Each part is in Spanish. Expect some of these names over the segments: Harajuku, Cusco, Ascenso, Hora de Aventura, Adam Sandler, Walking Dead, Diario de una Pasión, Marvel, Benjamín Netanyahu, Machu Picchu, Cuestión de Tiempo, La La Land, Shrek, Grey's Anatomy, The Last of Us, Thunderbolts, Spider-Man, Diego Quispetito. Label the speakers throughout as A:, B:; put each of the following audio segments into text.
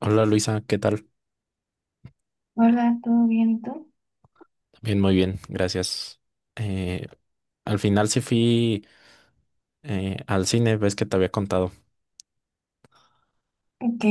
A: Hola Luisa, ¿qué tal?
B: Hola, ¿todo bien? ¿Y tú?
A: Bien, muy bien, gracias. Eh, Al final sí fui al cine, ves que te había contado.
B: Ok.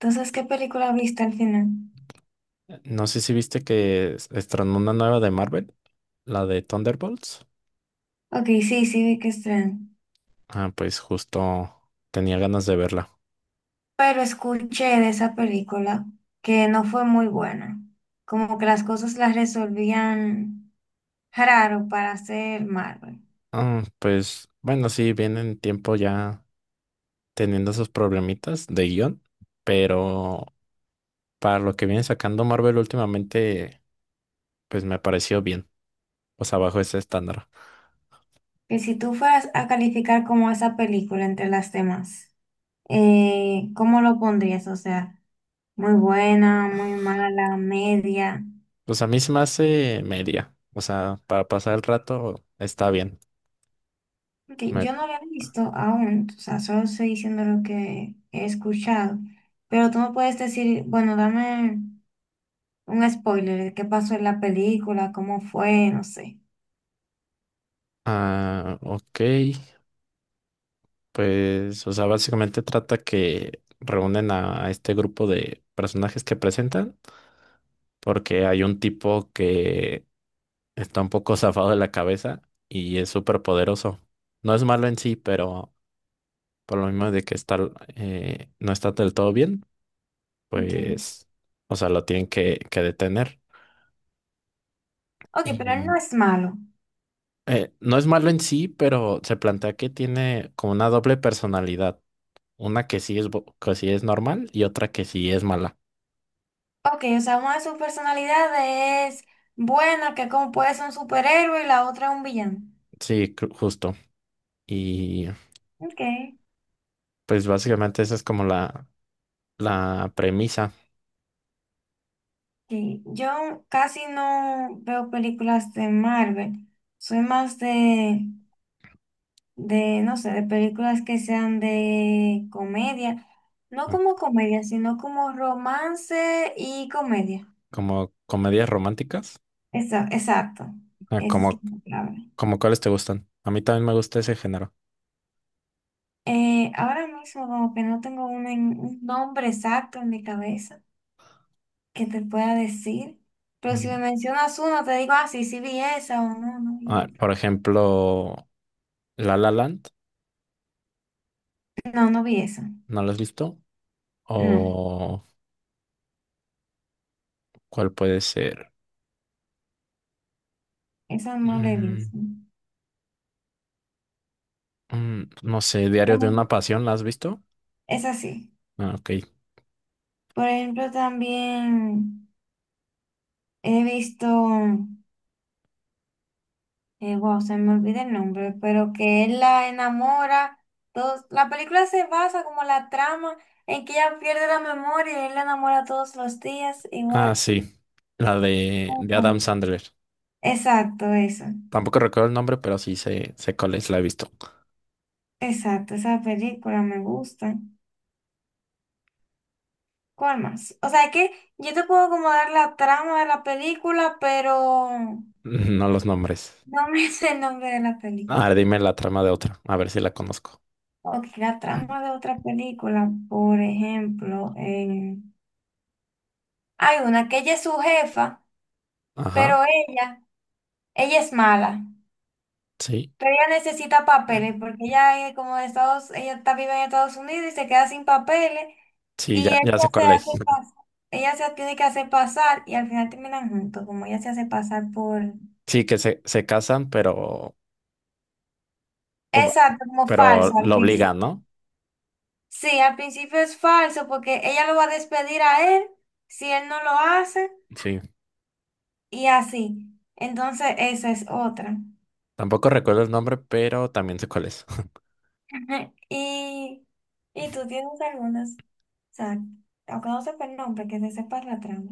B: Entonces, ¿qué película viste al final?
A: No sé si viste que estrenó una nueva de Marvel, la de Thunderbolts.
B: Ok, sí, sí vi que estrenan.
A: Ah, pues justo tenía ganas de verla.
B: Pero escuché de esa película que no fue muy buena. Como que las cosas las resolvían raro para hacer Marvel.
A: Ah, pues bueno, sí, vienen tiempo ya teniendo esos problemitas de guión, pero para lo que viene sacando Marvel últimamente, pues me pareció bien, pues abajo ese estándar.
B: Que si tú fueras a calificar como esa película entre las demás, ¿cómo lo pondrías? O sea, muy buena, muy mala, media.
A: Pues a mí se me hace media. O sea, para pasar el rato está bien.
B: Porque
A: Me-
B: yo no lo he visto aún, o sea, solo estoy diciendo lo que he escuchado. Pero tú me puedes decir, bueno, dame un spoiler de qué pasó en la película, cómo fue, no sé.
A: Ah, ok. Pues, o sea, básicamente trata que reúnen a este grupo de personajes que presentan, porque hay un tipo que está un poco zafado de la cabeza y es súper poderoso. No es malo en sí, pero por lo mismo de que está, no está del todo bien,
B: Ok.
A: pues, o sea, lo tienen que detener.
B: Ok, pero él no es malo.
A: No es malo en sí, pero se plantea que tiene como una doble personalidad. Una que sí es, que sí es normal y otra que sí es mala.
B: Ok, o sea, una de sus personalidades es buena, que como puede ser un superhéroe y la otra es un villano.
A: Sí, justo. Y
B: Ok.
A: pues básicamente esa es como la premisa.
B: Sí, yo casi no veo películas de Marvel. Soy más de, no sé, de películas que sean de comedia, no
A: ah,
B: como comedia, sino como romance y comedia.
A: Como comedias románticas.
B: Exacto,
A: ah,
B: esa es
A: Como,
B: la palabra.
A: ¿Como cuáles te gustan? A mí también me gusta ese género.
B: Ahora mismo como que no tengo un nombre exacto en mi cabeza que te pueda decir, pero si me
A: Mm.
B: mencionas uno te digo, ah, sí, sí vi esa o no, no
A: Ah,
B: vi.
A: por ejemplo, La La Land.
B: No, no vi esa.
A: ¿No lo has visto?
B: No,
A: ¿O cuál puede ser?
B: esa no la he
A: Mm.
B: visto.
A: Mm, no sé, Diario de
B: No,
A: una Pasión, ¿la has visto?
B: esa sí.
A: Ah, ok.
B: Por ejemplo, también he visto... wow, se me olvida el nombre, pero que él la enamora. Todos, la película se basa como la trama en que ella pierde la memoria y él la enamora todos los días,
A: Ah,
B: igual.
A: sí. La de
B: Ujú.
A: Adam Sandler.
B: Exacto, eso.
A: Tampoco recuerdo el nombre, pero sí sé, sé cuál es, la he visto.
B: Exacto, esa película me gusta. ¿Cuál más? O sea, que yo te puedo como dar la trama de la película, pero
A: No los nombres.
B: no me sé el nombre de la
A: A
B: película.
A: ver, dime la trama de otra, a ver si la conozco.
B: Ok, la trama de otra película, por ejemplo, hay una que ella es su jefa, pero
A: Ajá,
B: ella es mala,
A: sí.
B: pero ella necesita papeles porque ella es como de Estados, ella está vive en Estados Unidos y se queda sin papeles
A: Sí,
B: y
A: ya,
B: él
A: ya sé
B: se
A: cuál
B: hace
A: es.
B: pasar, ella se tiene que hacer pasar y al final terminan juntos, como ella se hace pasar por
A: Sí, que se casan, pero, o
B: exacto, como
A: pero
B: falso al
A: lo obligan,
B: principio.
A: ¿no?
B: Sí, al principio es falso porque ella lo va a despedir a él si él no lo hace
A: Sí.
B: y así. Entonces, esa es otra.
A: Tampoco recuerdo el nombre, pero también sé cuál es.
B: Ajá, y tú tienes algunas. O sea, aunque no sepa el nombre, que se sepa la trama.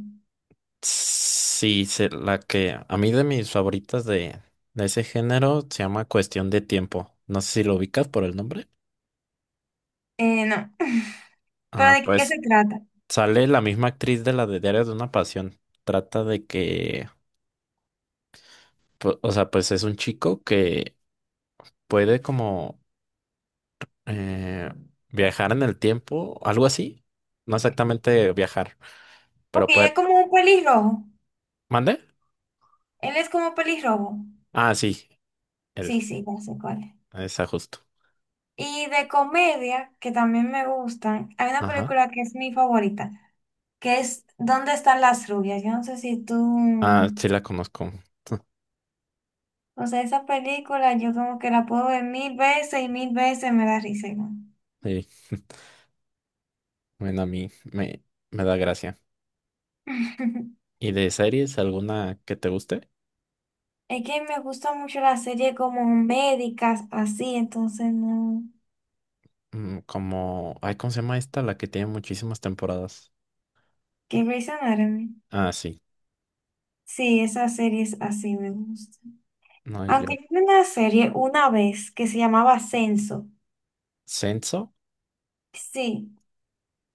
A: Sí, la que a mí de mis favoritas de ese género se llama Cuestión de Tiempo. No sé si lo ubicas por el nombre.
B: No. ¿Pero
A: Ah,
B: de qué
A: pues
B: se trata?
A: sale la misma actriz de la de Diario de una Pasión. Trata de que, o sea, pues es un chico que puede como eh, viajar en el tiempo, algo así. No exactamente viajar,
B: Ok,
A: pero puede...
B: es como un pelirrojo.
A: ¿Mande?
B: Él es como pelirrojo.
A: Ah, sí, él,
B: Sí, sí, ya sé cuál es.
A: esa justo.
B: Y de comedia, que también me gustan, hay una
A: Ajá.
B: película que es mi favorita, que es ¿Dónde están las rubias? Yo no sé si tú...
A: Ah, sí la conozco.
B: O sea, esa película yo como que la puedo ver mil veces y mil veces me da risa igual.
A: Sí. Bueno, a mí me, me da gracia. ¿Y de series alguna que te guste?
B: Es que me gusta mucho la serie como médicas, así, entonces no.
A: Mm, como, ay, ¿cómo se llama esta? La que tiene muchísimas temporadas.
B: ¿Qué Grey's Anatomy?
A: Ah, sí.
B: Sí, esas series así me gustan.
A: No, yo.
B: Aunque yo vi una serie una vez que se llamaba Ascenso.
A: ¿Senso?
B: Sí,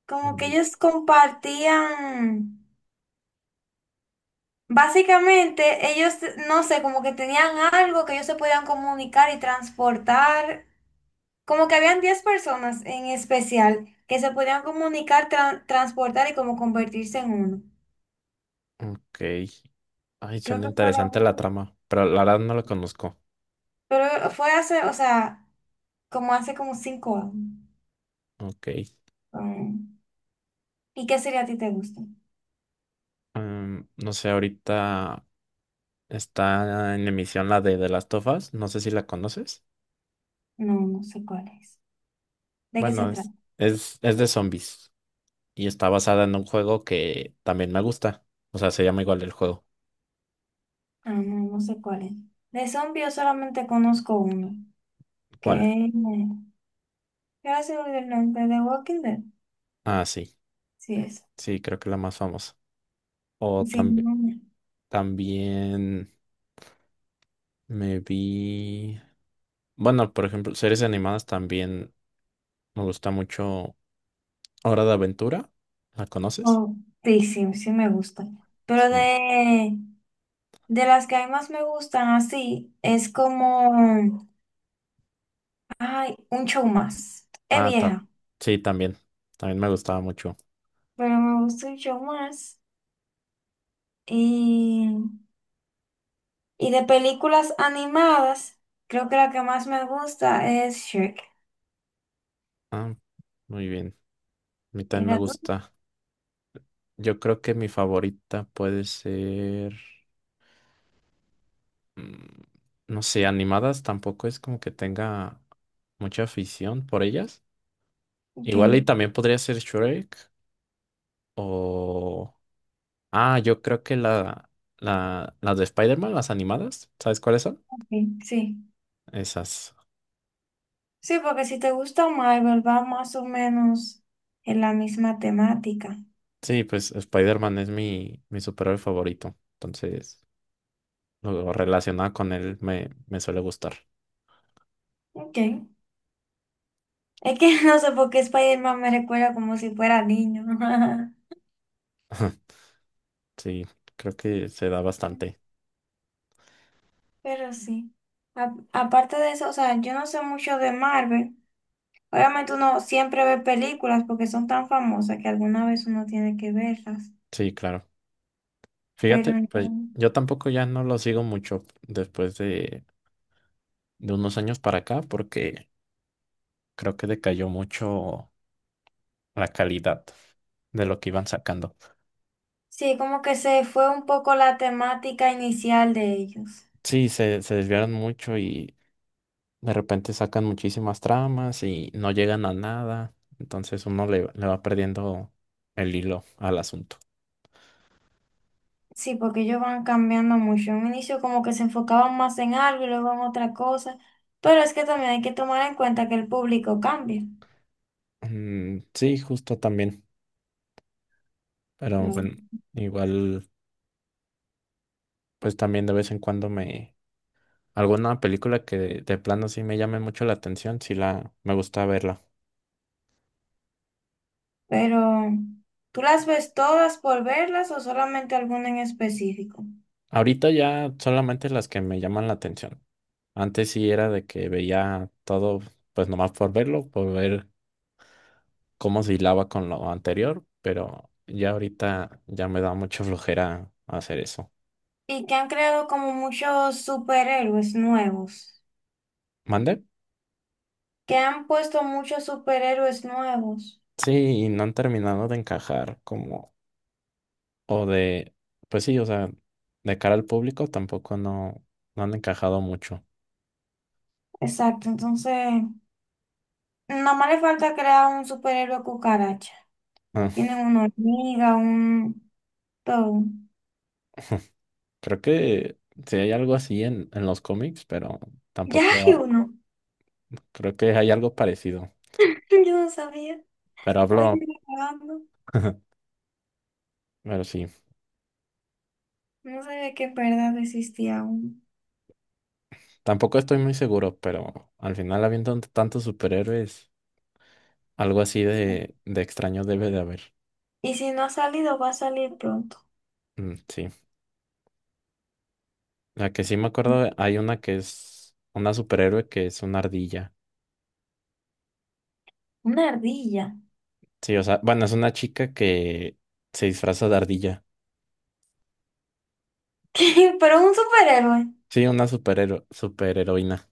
B: como que
A: Mm.
B: ellos compartían. Básicamente, ellos, no sé, como que tenían algo que ellos se podían comunicar y transportar. Como que habían 10 personas en especial que se podían comunicar, transportar y como convertirse en uno.
A: Ok. Ay,
B: Creo
A: suena
B: que fue la
A: interesante la
B: única.
A: trama, pero la verdad no la conozco.
B: Pero fue hace, o sea, como hace como 5 años.
A: Ok.
B: Um, ¿Y qué serie a ti te gusta?
A: Mm, no sé, ahorita está en emisión la de The Last of Us. No sé si la conoces.
B: No, no sé cuál es. ¿De qué se
A: Bueno,
B: trata?
A: es de zombies y está basada en un juego que también me gusta. O sea, se llama igual el juego.
B: Ah, no, no sé cuál es. De zombies yo solamente conozco uno.
A: ¿Cuál?
B: Que ahora se me olvidó el nombre de Walking Dead.
A: Ah, sí,
B: Sí, es.
A: sí, creo que la más famosa. O
B: Sí,
A: también,
B: no, no.
A: también me vi. Bueno, por ejemplo, series animadas también me gusta mucho. Hora de Aventura, ¿la conoces?
B: Oh, sí, sí, sí me gusta. Pero
A: Sí.
B: de las que a mí más me gustan así, es como, ay, un show más. Es
A: Ah, ta-
B: vieja,
A: sí, también. También me gustaba mucho.
B: pero me gusta un show más. Y Y de películas animadas, creo que la que más me gusta es Shrek.
A: Ah, muy bien. A mí
B: ¿Y
A: también me
B: la tuya?
A: gusta. Yo creo que mi favorita puede ser. Mm, no sé, animadas tampoco es como que tenga mucha afición por ellas.
B: Ok,
A: Igual y también podría ser Shrek. O. Ah, yo creo que la, las de Spider-Man, las animadas, ¿sabes cuáles son?
B: ok, sí.
A: Esas.
B: Sí, porque si te gusta Marvel, va más o menos en la misma temática.
A: Sí, pues Spider-Man es mi, mi superhéroe favorito. Entonces, lo relacionado con él me, me suele gustar.
B: Ok. Es que no sé por qué Spider-Man me recuerda como si fuera niño.
A: Sí, creo que se da bastante.
B: Pero sí. Aparte de eso, o sea, yo no sé mucho de Marvel. Obviamente uno siempre ve películas porque son tan famosas que alguna vez uno tiene que verlas.
A: Sí, claro.
B: Pero
A: Fíjate, pues
B: no.
A: yo tampoco ya no lo sigo mucho después de unos años para acá, porque creo que decayó mucho la calidad de lo que iban sacando.
B: Sí, como que se fue un poco la temática inicial de ellos.
A: Sí, se desviaron mucho y de repente sacan muchísimas tramas y no llegan a nada. Entonces uno le, le va perdiendo el hilo al asunto.
B: Sí, porque ellos van cambiando mucho. En un inicio como que se enfocaban más en algo y luego en otra cosa. Pero es que también hay que tomar en cuenta que el público cambia.
A: Mm, sí, justo también. Pero
B: Claro.
A: bueno, igual, pues también de vez en cuando me... Alguna película que de plano sí me llame mucho la atención, sí la... me gusta verla.
B: Pero, ¿tú las ves todas por verlas o solamente alguna en específico?
A: Ahorita ya solamente las que me llaman la atención. Antes sí era de que veía todo, pues nomás por verlo, por ver cómo se hilaba con lo anterior, pero ya ahorita ya me da mucha flojera hacer eso.
B: Y que han creado como muchos superhéroes nuevos.
A: ¿Mande?
B: Que han puesto muchos superhéroes nuevos.
A: Sí, y no han terminado de encajar como, o de, pues sí, o sea, de cara al público tampoco no, no han encajado mucho.
B: Exacto, entonces, nada más le falta crear un superhéroe cucaracha.
A: Ah,
B: Tiene una hormiga, un todo.
A: creo que sí hay algo así en los cómics, pero
B: Ya
A: tampoco
B: hay uno.
A: creo que hay algo parecido.
B: Yo no sabía.
A: Pero
B: Estaba aquí
A: hablo,
B: grabando.
A: pero sí,
B: No sabía que en verdad existía uno.
A: tampoco estoy muy seguro, pero al final habiendo tantos superhéroes. Algo así de extraño debe de haber.
B: Y si no ha salido, va a salir pronto.
A: Mm, sí. La que sí me acuerdo, hay una que es una superhéroe que es una ardilla.
B: Una ardilla.
A: Sí, o sea, bueno, es una chica que se disfraza de ardilla.
B: Pero es un superhéroe.
A: Sí, una superheroína.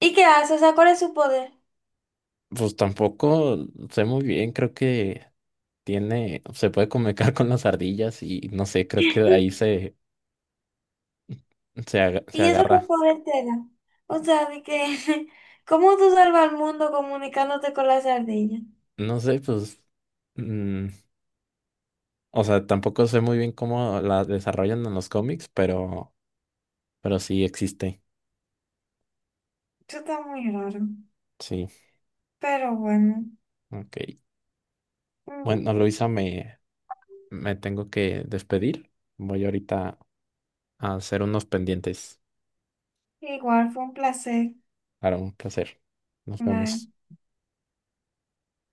B: ¿Y qué hace? O sea, ¿cuál es su poder?
A: Pues tampoco sé muy bien, creo que tiene, se puede comunicar con las ardillas y no sé, creo que de ahí se, se, se
B: ¿Y eso qué
A: agarra.
B: poder te da? O sea, de que, ¿cómo tú salvas al mundo comunicándote con las ardillas?
A: No sé, pues, mm, o sea, tampoco sé muy bien cómo la desarrollan en los cómics, pero sí existe.
B: Eso está muy raro.
A: Sí,
B: Pero bueno,
A: ok.
B: mm,
A: Bueno, Luisa, me tengo que despedir. Voy ahorita a hacer unos pendientes.
B: igual fue un placer.
A: Para un placer. Nos vemos.
B: Bye.